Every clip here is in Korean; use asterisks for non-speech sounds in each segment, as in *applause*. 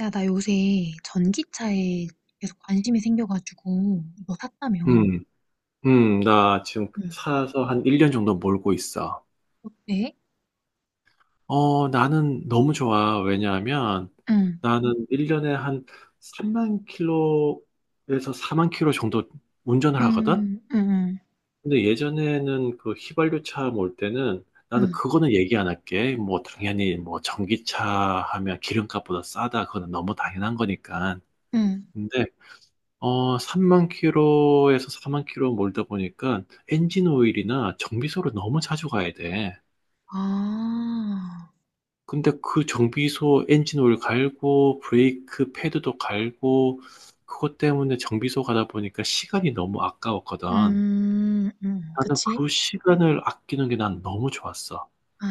야, 나 요새 전기차에 계속 관심이 생겨가지고 이거 샀다며. 음, 나 지금 응. 사서 한 1년 정도 몰고 있어. 어때? 나는 너무 좋아. 왜냐하면 응. 나는 1년에 한 3만 킬로에서 4만 킬로 정도 운전을 하거든? 음, 음, 음, 근데 예전에는 그 휘발유 차 몰 때는 나는 음, 그거는 얘기 안 할게. 뭐, 당연히 뭐, 전기차 하면 기름값보다 싸다. 그거는 너무 당연한 거니까. 음. 근데 3만 킬로에서 4만 킬로 몰다 보니까 엔진 오일이나 정비소를 너무 자주 가야 돼. 아, 근데 그 정비소 엔진 오일 갈고 브레이크 패드도 갈고 그것 때문에 정비소 가다 보니까 시간이 너무 아까웠거든. 나는 그치? 그 시간을 아끼는 게 난 너무 좋았어. 아,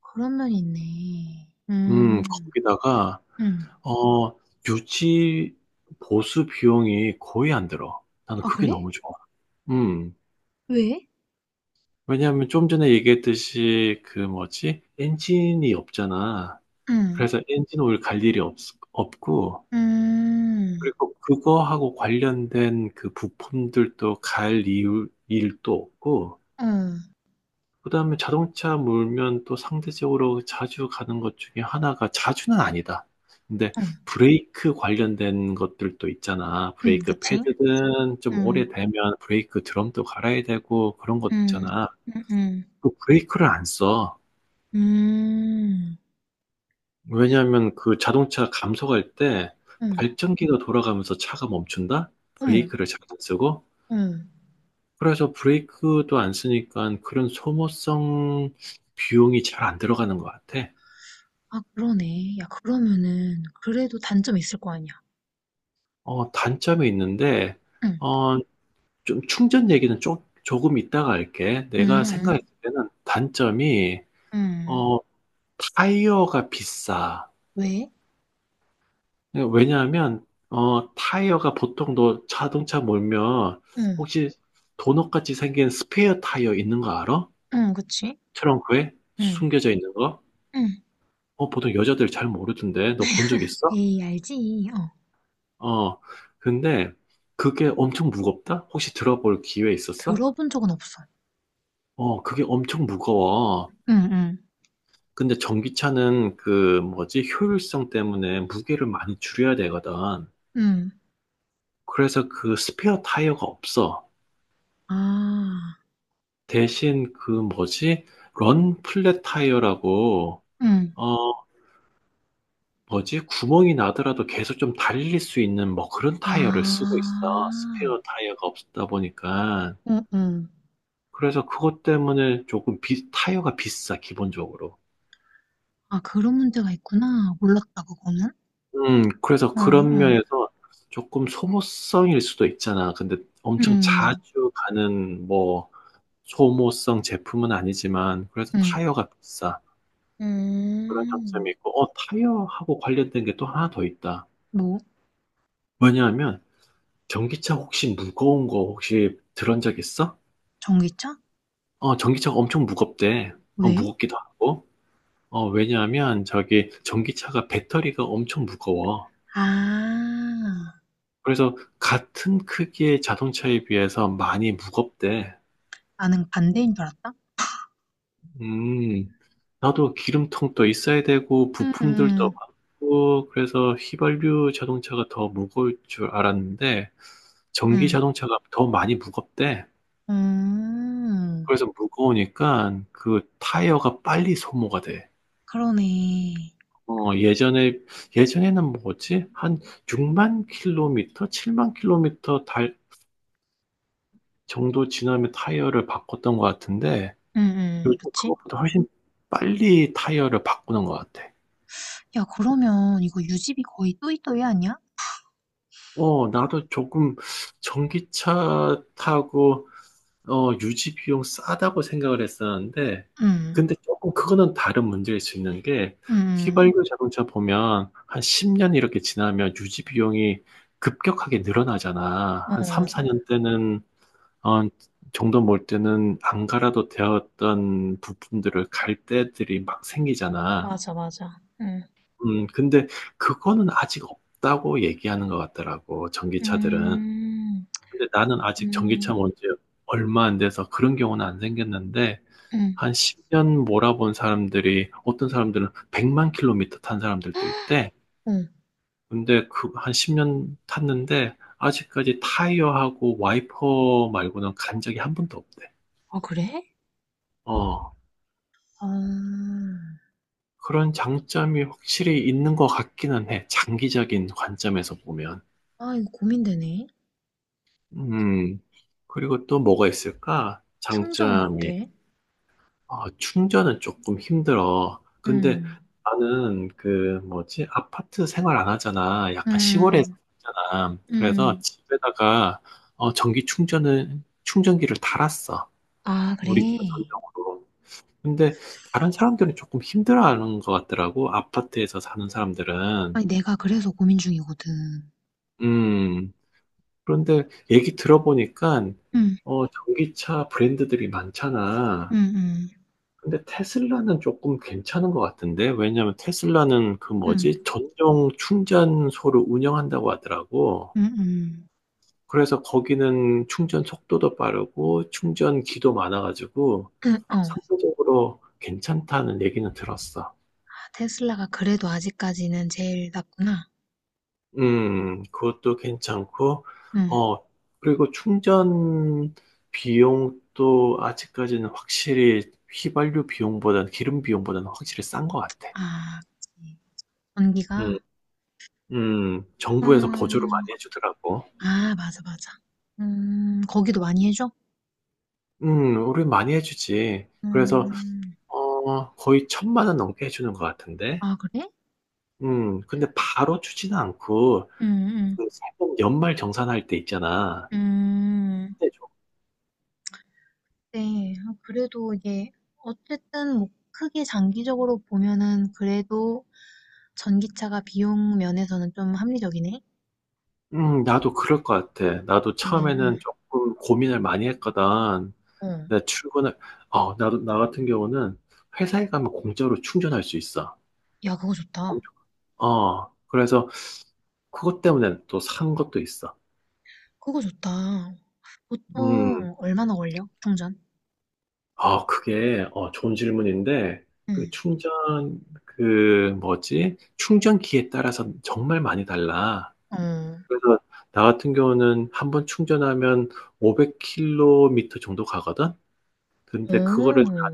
그런 면이 있네. 거기다가 음. 어, 유지 보수 비용이 거의 안 들어. 나는 아, 그게 그래? 너무 좋아. 음. 왜? 왜냐하면 좀 전에 얘기했듯이 그 뭐지? 엔진이 없잖아. 음, 그래서 엔진 오일 갈 일이 없, 없고, 음, 그리고 그거하고 관련된 그 부품들도 일도 없고, 어. 그 다음에 자동차 몰면 또 상대적으로 자주 가는 것 중에 하나가 자주는 아니다. 근데 어. 브레이크 관련된 것들도 있잖아. 브레이크 그치? 패드든 좀 음, 오래되면 브레이크 드럼도 갈아야 되고 그런 것 음, 있잖아. 음, 음, 그 브레이크를 안 써. 음, 왜냐하면 그 자동차 감속할 때 음. 발전기가 돌아가면서 차가 멈춘다? 어머, 브레이크를 잘 안 쓰고? 응. 그래서 브레이크도 안 쓰니까 그런 소모성 비용이 잘 안 들어가는 것 같아. 아 그러네. 야 그러면은 그래도 단점이 있을 거 아니야. 어, 단점이 있는데, 응. 어, 좀 충전 얘기는 조금 이따가 할게. 내가 응응. 생각했을 때는 단점이, 응. 응. 어, 타이어가 비싸. 왜? 왜냐하면 타이어가 보통 너 자동차 몰면 응. 혹시 도넛같이 생긴 스페어 타이어 있는 거 알아? 응, 그치? 트렁크에 응. 숨겨져 있는 거? 응. 어, 보통 여자들 잘 모르던데 너 본 적 있어? 에이, 알지. 어. 어, 근데 그게 엄청 무겁다? 혹시 들어볼 기회 있었어? 들어본 적은 없어. 어, 그게 엄청 무거워. 응, 응. 근데 전기차는 그 뭐지 효율성 때문에 무게를 많이 줄여야 되거든. 응. 그래서 그 스페어 타이어가 없어. 아. 대신 그 뭐지? 런 플랫 타이어라고 응. 어 뭐지? 구멍이 나더라도 계속 좀 달릴 수 있는 뭐 그런 타이어를 쓰고 있어. 아. 스페어 타이어가 없다 보니까. 응, 응. 그래서 그것 때문에 타이어가 비싸, 기본적으로. 아, 그런 문제가 있구나. 몰랐다, 그거는. 그래서 응, 그런 응. 면에서 조금 소모성일 수도 있잖아. 근데 엄청 응. 자주 가는 뭐 소모성 제품은 아니지만 그래서 응. 타이어가 비싸. 그런 장점이 음. 있고, 어, 타이어하고 관련된 게 또 하나 더 있다. 뭐? 왜냐하면, 전기차 혹시 무거운 거 혹시 들은 적 있어? 전기차? 어, 전기차가 엄청 무겁대. 어, 왜? 무겁기도 하고. 어, 왜냐하면, 저기, 전기차가 배터리가 엄청 무거워. 아. 그래서, 같은 크기의 자동차에 비해서 많이 무겁대. 나는 반대인 줄 알았다. 음, 나도 기름통도 있어야 되고, 음음. 부품들도 음. 많고, 그래서 휘발유 자동차가 더 무거울 줄 알았는데, 전기 음. 자동차가 더 많이 무겁대. 음. 그래서 무거우니까 그 타이어가 빨리 소모가 돼. 그러네. 어, 예전에, 예전에는 뭐였지? 한 6만 킬로미터, 7만 킬로미터 달 정도 지나면 타이어를 바꿨던 것 같은데, 음음. 요즘 그치? 그것보다 훨씬 빨리 타이어를 바꾸는 것 같아. 야, 그러면 이거 유지비 거의 또이또이 아니야? 어, 나도 조금 전기차 타고 유지 비용 싸다고 생각을 했었는데, 음. 근데 조금 그거는 다른 문제일 수 있는 게, 음. 휘발유 자동차 보면 한 10년 이렇게 지나면 유지 비용이 급격하게 늘어나잖아. 응, 한 3, 응. 4년 때는, 어, 정도 몰 때는 안 갈아도 되었던 부품들을 갈 때들이 막 생기잖아. 맞아, 맞아. 응. 근데 그거는 아직 없다고 얘기하는 것 같더라고, 전기차들은. 음, 근데 나는 아직 음, 전기차 뭔지 얼마 안 돼서 그런 경우는 안 생겼는데, 응, 한 10년 몰아본 사람들이 어떤 사람들은 100만 킬로미터 탄 사람들도 있대. 응. 근데 그 한 10년 탔는데 아직까지 타이어하고 와이퍼 말고는 간 적이 한 번도 없대. 아, 그래? 어, 아, 그런 장점이 확실히 있는 것 같기는 해. 장기적인 관점에서 보면. 아, 이거 고민되네. 음, 그리고 또 뭐가 있을까? 충전 장점이 어때? 아, 충전은 조금 힘들어. 근데 음. 나는 그 뭐지? 아파트 생활 안 하잖아. 약간 시골에 음. 살잖아. 그래서 음. 집에다가 전기 충전을 충전기를 달았어. 아, 우리 집 그래. 전용으로. 근데 다른 사람들은 조금 힘들어하는 것 같더라고. 아파트에서 사는 사람들은. 아니, 내가 그래서 고민 중이거든. 음. 그런데 얘기 들어보니까 응, 어, 전기차 브랜드들이 응, 많잖아. 응. 근데 테슬라는 조금 괜찮은 것 같은데, 왜냐면 테슬라는 그 응. 뭐지? 전용 충전소를 운영한다고 하더라고. 응응. 그래서 거기는 충전 속도도 빠르고, 충전기도 많아가지고, 응, 어. 상대적으로 괜찮다는 얘기는 들었어. 아, 테슬라가 그래도 아직까지는 제일 낫구나. 그것도 괜찮고, 응. 어, 그리고 충전 비용도 아직까지는 확실히 휘발유 비용보다는 기름 비용보다는 확실히 싼 것 같아. 아, 그치. 전기가? 음. 음. 정부에서 보조를 음. 많이 해 주더라고. 아, 맞아, 맞아. 거기도 많이 해줘? 음. 우리 많이 해 주지. 그래서 음. 거의 1,000만 원 넘게 해 주는 것 같은데. 아, 그래? 음. 근데 바로 주지는 않고 음, 음. 그 세금 연말 정산할 때 있잖아. 음. 그때 줘. 네. 아, 그래도 이게, 어쨌든 뭐, 크게 장기적으로 보면은 그래도 전기차가 비용 면에서는 좀 합리적이네. 음. 나도 그럴 것 같아. 나도 음, 처음에는 쪼끔 고민을 많이 했거든. 어. 내가 출근을 나도 나 같은 경우는 회사에 가면 공짜로 충전할 수 있어. 야, 그거 좋다. 엄청 어. 그래서 그것 때문에 또 산 것도 있어. 그거 좋다. 음. 보통 얼마나 걸려? 충전? 아, 그게, 좋은 질문인데, 그 음. 충전, 그, 뭐지? 충전기에 따라서 정말 많이 달라. 어. 그래서, 나 같은 경우는 한 번 충전하면 500km 정도 가거든? 근데 오. 그거를, 다-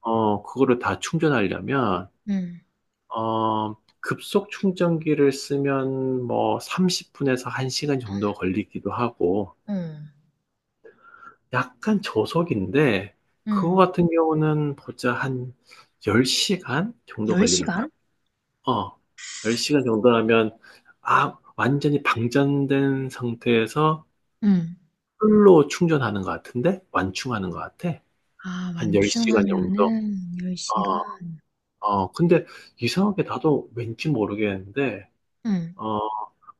그거를 다 충전하려면, 음. 어, 급속 충전기를 쓰면 뭐 30분에서 1시간 정도 걸리기도 하고, 어. 약간 저속인데 그거 음. 같은 경우는 보자 한 10시간 정도 열 걸리는 거야 시간? 어. 10시간 정도라면 아, 완전히 방전된 상태에서 음. 풀로 충전하는 것 같은데 완충하는 것 같아. 아 한 10시간 정도. 완충하면은 열 어. 시간. 어. 근데 이상하게 나도 왠지 모르겠는데 응. 어,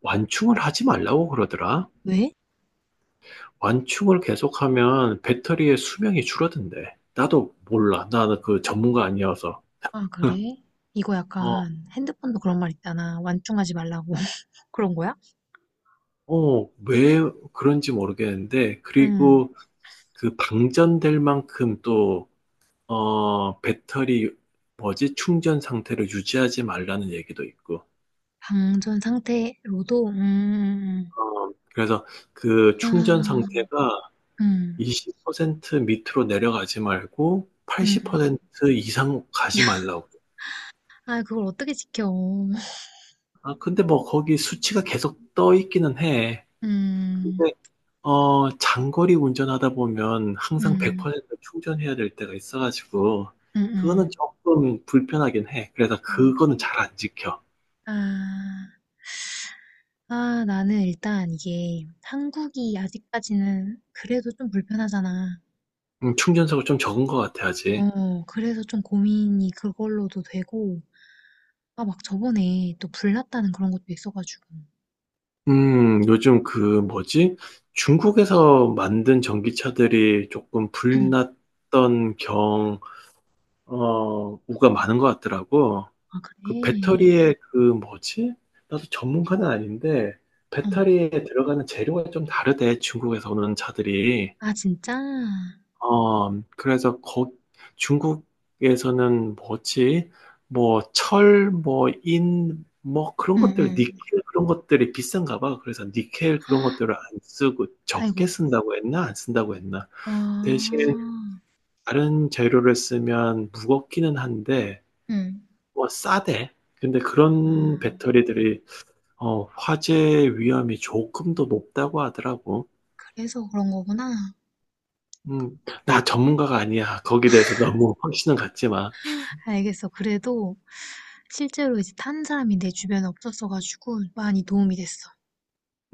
완충을 하지 말라고 그러더라. 왜? 완충을 계속하면 배터리의 수명이 줄어든대. 나도 몰라. 나는 그 전문가 아니어서. 아 그래? 이거 어, 약간 핸드폰도 그런 말 있잖아. 완충하지 말라고. *laughs* 그런 거야? 왜 그런지 모르겠는데, 음. 그리고 그 방전될 만큼 또, 어, 배터리, 뭐지, 충전 상태를 유지하지 말라는 얘기도 있고, 방전 상태로도 그래서 그 충전 아. 상태가 음. 20% 밑으로 내려가지 말고, 음. 80% 이상 가지 말라고. 아 그걸 어떻게 지켜. *laughs* 아, 근데 뭐 거기 수치가 계속 떠 있기는 해. 음. 근데 장거리 운전하다 보면 항상 네. 음. 100% 충전해야 될 때가 있어가지고, 그거는 음음. 조금 불편하긴 해. 그래서 그거는 그래? 잘 안 지켜. 아. 아, 나는 일단 이게 한국이 아직까지는 그래도 좀 불편하잖아. 충전석을 좀 적은 것 같아, 아직. 어, 그래서 좀 고민이 그걸로도 되고, 아, 막 저번에 또 불났다는 그런 것도 있어가지고. 요즘 그, 뭐지? 중국에서 만든 전기차들이 조금 *clears throat* 불났던 경, 우가 많은 것 같더라고. 아, 그 그래? 배터리에 그, 뭐지? 나도 전문가는 아닌데, 어. 배터리에 들어가는 재료가 좀 다르대, 중국에서 오는 차들이. 아, 진짜? 어, 그래서 거, 중국에서는 뭐지? 뭐, 철, 뭐, 인, 뭐, 그런 응, 것들, 응. 니켈 그런 것들이 비싼가 봐. 그래서 니켈 그런 아, 것들을 안 쓰고 적게 아이고. 쓴다고 했나? 안 쓴다고 했나? 아, 대신 다른 재료를 쓰면 무겁기는 한데, 응, 뭐, 싸대. 근데 그런 아, 배터리들이, 화재 위험이 조금 더 높다고 하더라고. 그래서 그런 거구나. 음, 나 전문가가 아니야. 거기에 대해서 너무 *laughs* 확신은 갖지 마. 알겠어. 그래도 실제로 이제 탄 사람이 내 주변에 없었어가지고 많이 도움이 됐어.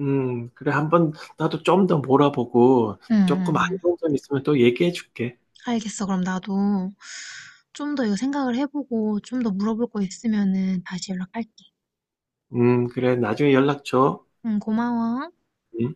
그래, 한번 나도 좀 더 몰아보고 응, 조금 안 응, 좋은 점 있으면 또 얘기해 줄게. 알겠어. 그럼 나도 좀 더 이거 생각을 해보고 좀 더 물어볼 거 있으면은 다시 연락할게. 그래, 나중에 연락 줘. 응, 고마워. 음.